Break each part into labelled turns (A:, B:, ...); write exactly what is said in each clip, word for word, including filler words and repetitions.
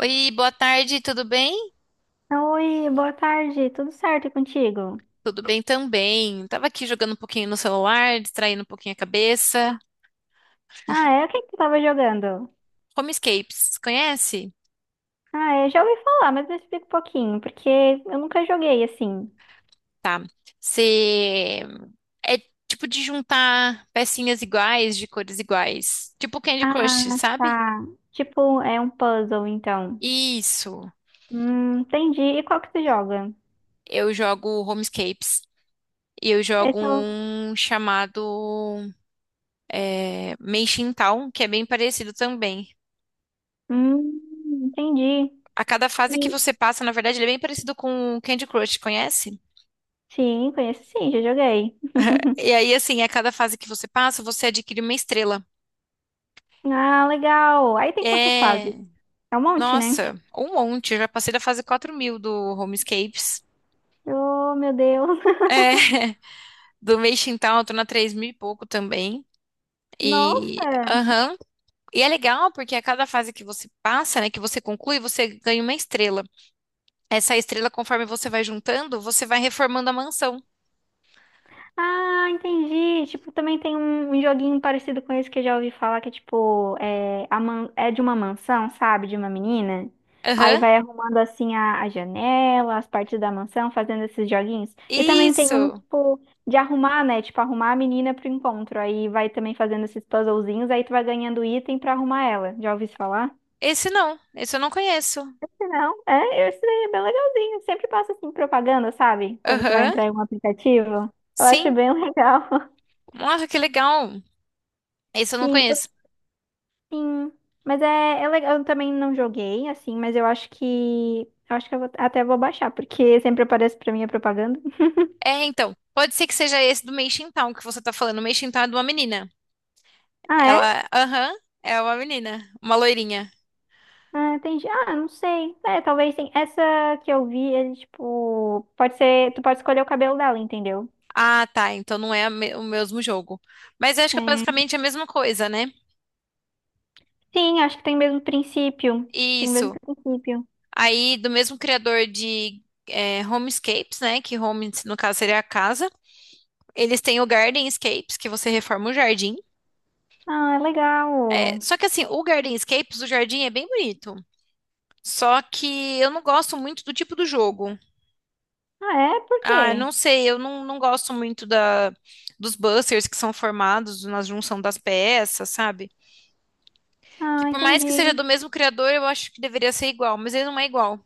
A: Oi, boa tarde, tudo bem?
B: Oi, boa tarde, tudo certo e contigo?
A: Tudo bem também. Tava aqui jogando um pouquinho no celular, distraindo um pouquinho a cabeça.
B: Ah, é? O que que tu tava jogando?
A: Homescapes, conhece?
B: Ah, eu já ouvi falar, mas me explica um pouquinho, porque eu nunca joguei assim.
A: Tá. Você é tipo de juntar pecinhas iguais, de cores iguais. Tipo Candy Crush,
B: Ah,
A: sabe?
B: tá. Tipo, é um puzzle, então.
A: Isso.
B: Hum, entendi. E qual que tu joga?
A: Eu jogo Homescapes. E eu
B: Eu
A: jogo
B: sou...
A: um chamado é, Meishin Town, que é bem parecido também.
B: Hum, entendi.
A: A cada fase que
B: E...
A: você passa, na verdade, ele é bem parecido com o Candy Crush, conhece?
B: Sim, conheço sim, já joguei.
A: E aí, assim, a cada fase que você passa, você adquire uma estrela.
B: Ah, legal. Aí tem quantas fases?
A: É,
B: É um monte, né?
A: nossa, um monte. Eu já passei da fase quatro mil do Homescapes.
B: Oh, meu Deus.
A: É, do Meixin Town, eu tô na três mil e pouco também. E,
B: Nossa!
A: aham. E é legal porque a cada fase que você passa, né, que você conclui, você ganha uma estrela. Essa estrela, conforme você vai juntando, você vai reformando a mansão.
B: Ah, entendi. Tipo, também tem um, um joguinho parecido com esse que eu já ouvi falar, que é tipo, é, a man- é de uma mansão, sabe? De uma menina. Aí
A: Aham.
B: vai arrumando assim a, a janela, as partes da mansão, fazendo esses joguinhos. E também tem um,
A: Isso.
B: tipo, de arrumar, né? Tipo, arrumar a menina pro encontro. Aí vai também fazendo esses puzzlezinhos, aí tu vai ganhando item pra arrumar ela. Já ouvi isso falar?
A: Esse não. Esse eu não conheço.
B: Não, é, esse daí é bem legalzinho. Sempre passa assim propaganda, sabe? Quando tu vai
A: Aham.
B: entrar em um aplicativo. Eu acho
A: Sim.
B: bem legal.
A: Nossa, que legal. Esse eu não
B: Sim,
A: conheço.
B: sim, mas é, é legal. Eu também não joguei, assim, mas eu acho que. Eu acho que eu vou- até vou baixar, porque sempre aparece pra mim a propaganda.
A: É, então, pode ser que seja esse do Meixin Town que você tá falando. O Meixin Town é de uma menina.
B: Ah, é?
A: Ela, aham, é uma menina, uma loirinha.
B: Ah, tem. ge- Ah, não sei. É, talvez sim. Essa que eu vi, é tipo. Pode ser. Tu pode escolher o cabelo dela, entendeu?
A: Ah, tá, então não é a me- o mesmo jogo. Mas eu acho que é
B: É.
A: basicamente a mesma coisa, né?
B: Sim, acho que tem o mesmo princípio. Tem o mesmo
A: Isso.
B: princípio.
A: Aí, do mesmo criador de é, Homescapes, né? Que home, no caso, seria a casa. Eles têm o Gardenscapes, que você reforma o jardim.
B: Ah, é
A: É,
B: legal.
A: só que assim, o Gardenscapes, o jardim é bem bonito. Só que eu não gosto muito do tipo do jogo.
B: Ah, é? Por
A: Ah, eu
B: quê?
A: não sei, eu não, não gosto muito da, dos busters que são formados na junção das peças, sabe? Que
B: Ah,
A: por mais que seja
B: entendi.
A: do mesmo criador, eu acho que deveria ser igual, mas ele não é igual.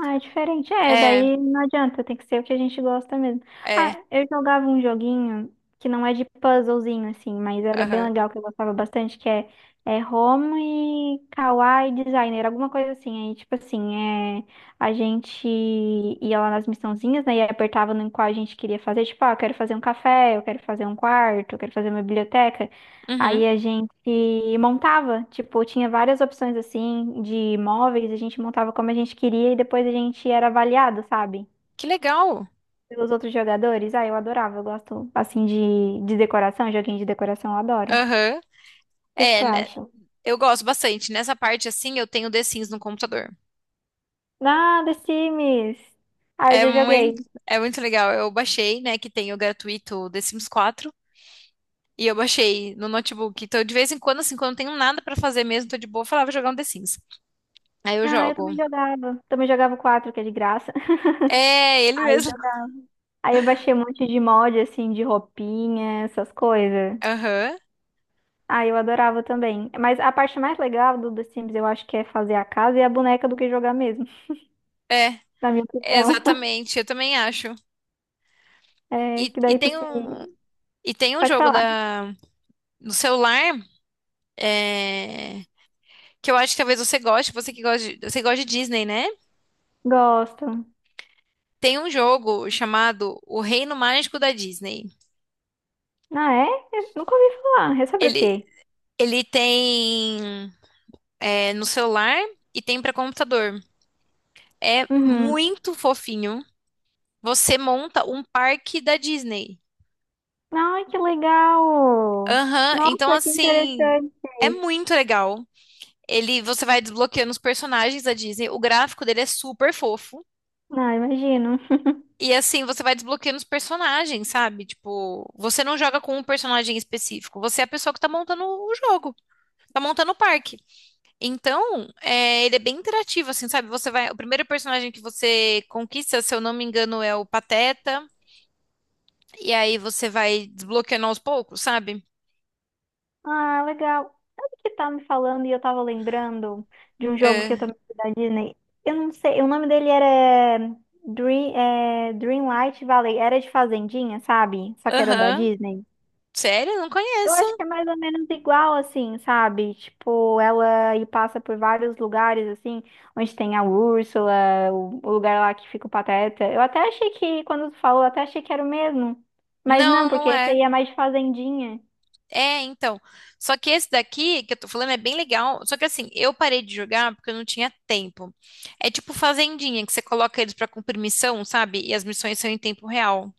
B: Ah, é diferente. É,
A: É,
B: daí não adianta, tem que ser o que a gente gosta mesmo.
A: é,
B: Ah, eu jogava um joguinho que não é de puzzlezinho, assim, mas era bem
A: aham,
B: legal, que eu gostava bastante, que é, é Roma e Kawaii Designer, alguma coisa assim. Aí, tipo assim, é, a gente ia lá nas missãozinhas, né, e apertava no qual a gente queria fazer, tipo, ah, eu quero fazer um café, eu quero fazer um quarto, eu quero fazer uma biblioteca.
A: uhum.
B: Aí a gente montava, tipo, tinha várias opções assim de móveis, a gente montava como a gente queria e depois a gente era avaliado, sabe?
A: Que legal.
B: Pelos outros jogadores. Ah, eu adorava, eu gosto assim de, de decoração, joguinho de decoração, eu adoro. O
A: Aham.
B: que que
A: É,
B: tu
A: né?
B: acha?
A: Eu gosto bastante. Nessa parte, assim, eu tenho The Sims no computador.
B: Ah, The Sims! Ah, eu
A: É
B: já
A: muito,
B: joguei.
A: é muito legal. Eu baixei, né, que tem o gratuito The Sims quatro. E eu baixei no notebook. Então, de vez em quando, assim, quando eu não tenho nada pra fazer mesmo, tô de boa, eu falava jogar um The Sims. Aí eu
B: Ah, eu
A: jogo.
B: também jogava. Também jogava o quatro, que é de graça.
A: É, ele
B: Aí,
A: mesmo.
B: jogava. Aí eu baixei um monte de mod, assim, de roupinha, essas coisas.
A: Aham.
B: Ah, eu adorava também. Mas a parte mais legal do The Sims, eu acho que é fazer a casa e a boneca do que jogar mesmo,
A: É,
B: na minha opinião.
A: exatamente. Eu também acho.
B: É,
A: E,
B: que
A: e
B: daí tu
A: tem
B: se...
A: um, e tem um
B: Pode
A: jogo
B: falar.
A: da, no celular é, que eu acho que talvez você goste, você que gosta de, você gosta de Disney, né?
B: Gosto.
A: Tem um jogo chamado O Reino Mágico da Disney.
B: Ah, é? Eu nunca ouvi falar. É sobre o
A: Ele,
B: quê?
A: ele tem é, no celular e tem para computador. É
B: Uhum.
A: muito fofinho. Você monta um parque da Disney.
B: Ai, que legal!
A: Aham, então
B: Nossa, que
A: assim,
B: interessante.
A: é muito legal. Ele, você vai desbloqueando os personagens da Disney. O gráfico dele é super fofo.
B: Ah, imagino.
A: E assim, você vai desbloqueando os personagens, sabe? Tipo, você não joga com um personagem específico, você é a pessoa que tá montando o jogo, tá montando o parque. Então, é, ele é bem interativo, assim, sabe? Você vai, o primeiro personagem que você conquista, se eu não me engano, é o Pateta, e aí você vai desbloqueando aos poucos, sabe?
B: Ah, legal. Sabe o que tava me falando e eu tava lembrando de um jogo que eu
A: É,
B: também fui da Disney? Eu não sei, o nome dele era eh, Dream, é, Dreamlight Valley. Era de Fazendinha, sabe? Só que era da
A: aham.
B: Disney.
A: Sério? Não
B: Eu
A: conheço.
B: acho que é mais ou menos igual, assim, sabe? Tipo, ela e passa por vários lugares, assim, onde tem a Úrsula, o, o lugar lá que fica o Pateta. Eu até achei que, quando tu falou, eu até achei que era o mesmo. Mas não,
A: Não,
B: porque
A: não
B: esse
A: é.
B: aí é mais de Fazendinha.
A: É, então. Só que esse daqui que eu tô falando é bem legal. Só que assim, eu parei de jogar porque eu não tinha tempo. É tipo Fazendinha, que você coloca eles pra cumprir missão, sabe? E as missões são em tempo real.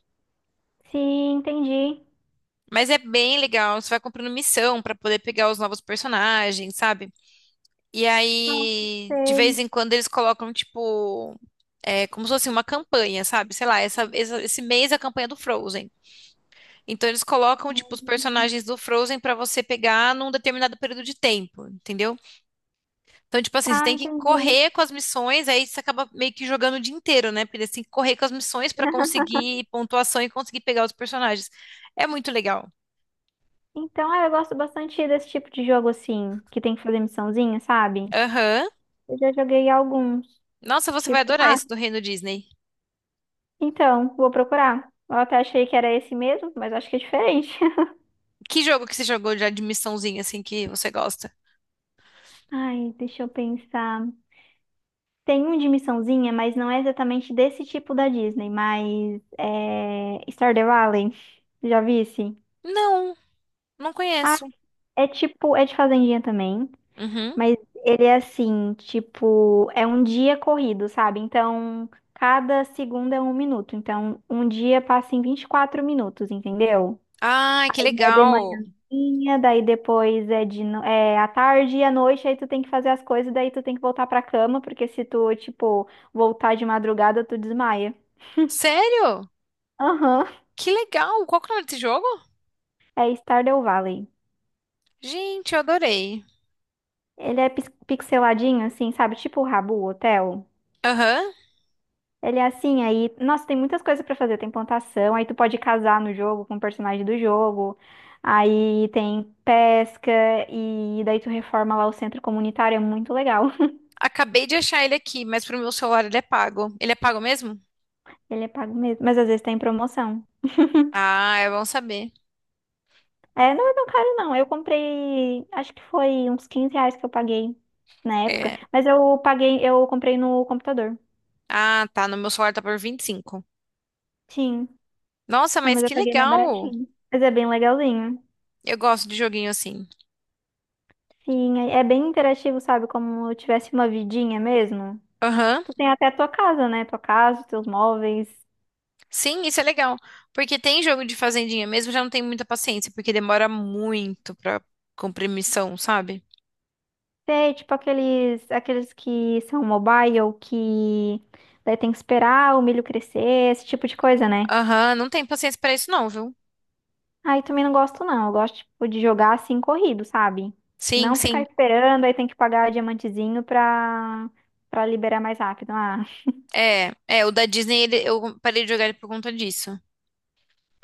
B: Sim, entendi.
A: Mas é bem legal. Você vai cumprindo missão pra poder pegar os novos personagens, sabe? E
B: Não
A: aí, de vez
B: sei.
A: em quando, eles colocam, tipo, é, como se fosse uma campanha, sabe? Sei lá, essa- essa- esse mês é a campanha do Frozen. Então, eles colocam, tipo, os personagens do Frozen pra você pegar num determinado período de tempo, entendeu? Então, tipo assim, você
B: Tá,
A: tem que
B: entendi.
A: correr com as missões, aí você acaba meio que jogando o dia inteiro, né? Porque você tem que correr com as missões pra conseguir pontuação e conseguir pegar os personagens. É muito legal.
B: Então, é, eu gosto bastante desse tipo de jogo assim, que tem que fazer missãozinha, sabe?
A: Aham.
B: Eu já joguei alguns.
A: Nossa, você vai
B: Tipo,
A: adorar
B: ah,
A: esse do Reino Disney.
B: então, vou procurar. Eu até achei que era esse mesmo, mas acho que é diferente.
A: Que jogo que você jogou já de missãozinha, assim, que você gosta?
B: Ai, deixa eu pensar. Tem um de missãozinha, mas não é exatamente desse tipo da Disney, mas é Stardew Valley. Já vi esse?
A: Não, não
B: Ah,
A: conheço.
B: é tipo, é de fazendinha também.
A: Uhum.
B: Mas ele é assim, tipo, é um dia corrido, sabe? Então, cada segundo é um minuto. Então, um dia passa em vinte e quatro minutos, entendeu?
A: Ah, que
B: Aí é de
A: legal.
B: manhãzinha, daí depois é de no- é à tarde e à noite, aí tu tem que fazer as coisas, daí tu tem que voltar pra cama, porque se tu, tipo, voltar de madrugada, tu desmaia.
A: Sério?
B: Aham.
A: Que legal. Qual que é o nome desse jogo?
B: É Stardew Valley.
A: Gente, eu adorei.
B: Ele é pis- pixeladinho, assim, sabe? Tipo o Rabu Hotel.
A: Aham.
B: Ele é assim, aí, nossa, tem muitas coisas pra fazer. Tem plantação, aí tu pode casar no jogo com o personagem do jogo. Aí tem pesca e daí tu reforma lá o centro comunitário, é muito legal.
A: Acabei de achar ele aqui, mas pro meu celular ele é pago. Ele é pago mesmo?
B: Ele é pago mesmo, mas às vezes tem promoção.
A: Ah, é bom saber.
B: É, não é tão caro não. Eu comprei, acho que foi uns quinze reais que eu paguei na época,
A: É.
B: mas eu paguei, eu comprei no computador.
A: Ah, tá. No meu celular tá por vinte e cinco.
B: Sim.
A: Nossa,
B: Não,
A: mas
B: mas eu
A: que
B: paguei mais
A: legal!
B: baratinho. Mas é bem legalzinho.
A: Eu gosto de joguinho assim.
B: Sim, é é bem interativo, sabe? Como eu tivesse uma vidinha mesmo.
A: Aham.
B: Tu tem até a tua casa, né? Tua casa, teus móveis.
A: Sim, isso é legal. Porque tem jogo de fazendinha mesmo, eu já não tenho muita paciência, porque demora muito pra cumprir missão, sabe?
B: Tem, tipo, aqueles, aqueles que são mobile, que daí tem que esperar o milho crescer, esse tipo de coisa, né?
A: Aham, não tenho paciência pra isso não, viu?
B: Aí também não gosto, não. Eu gosto, tipo, de jogar assim, corrido, sabe?
A: Sim,
B: Não ficar
A: sim.
B: esperando, aí tem que pagar diamantezinho pra, pra liberar mais rápido. Ah,
A: É, é, o da Disney, ele- eu parei de jogar ele por conta disso.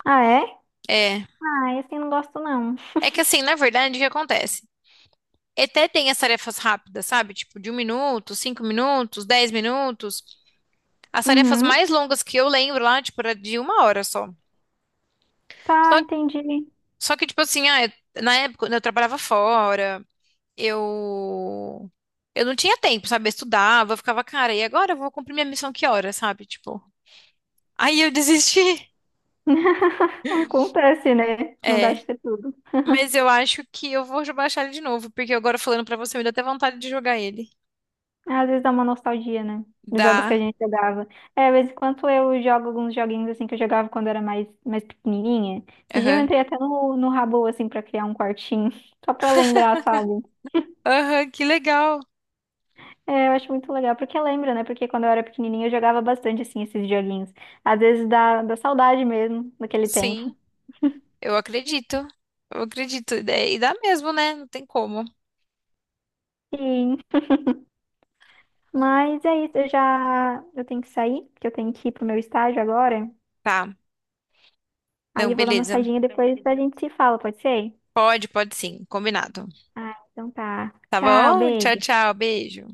B: ah é?
A: É.
B: Ah, esse eu não gosto, não.
A: É que assim, na verdade, o que acontece? Até tem as tarefas rápidas, sabe? Tipo, de um minuto, cinco minutos, dez minutos. As tarefas
B: Uhum.
A: mais longas que eu lembro lá, tipo, era de uma hora só.
B: Tá,
A: Só,
B: entendi.
A: só que, tipo assim, ah, eu- na época, quando eu trabalhava fora, eu. Eu não tinha tempo, sabe? Eu estudava, eu ficava, cara, e agora eu vou cumprir minha missão que hora, sabe? Tipo. Aí eu desisti.
B: Acontece, né? Não dá
A: É.
B: de ter tudo.
A: Mas eu acho que eu vou baixar ele de novo, porque agora falando pra você, me dá até vontade de jogar ele.
B: Às vezes dá uma nostalgia, né? Dos jogos que a
A: Dá.
B: gente jogava. É, de vez em quando eu jogo alguns joguinhos assim que eu jogava quando era mais, mais pequenininha. Esse dia eu
A: Aham.
B: entrei até no, no Habbo, assim, pra criar um quartinho. Só pra lembrar, sabe?
A: Aham, que legal.
B: É, eu acho muito legal. Porque lembra, né? Porque quando eu era pequenininha eu jogava bastante, assim, esses joguinhos. Às vezes dá, dá saudade mesmo daquele tempo.
A: Sim, eu acredito. Eu acredito. E e dá mesmo, né? Não tem como.
B: Sim. Mas é isso, eu já... Eu tenho que sair, porque eu tenho que ir pro meu estágio agora.
A: Tá.
B: Aí
A: Não,
B: eu vou dar uma
A: beleza.
B: saidinha depois a gente se fala, pode ser?
A: Pode, pode sim, combinado.
B: Ah, então tá.
A: Tá
B: Tchau,
A: bom? Tchau,
B: beijo.
A: tchau, beijo.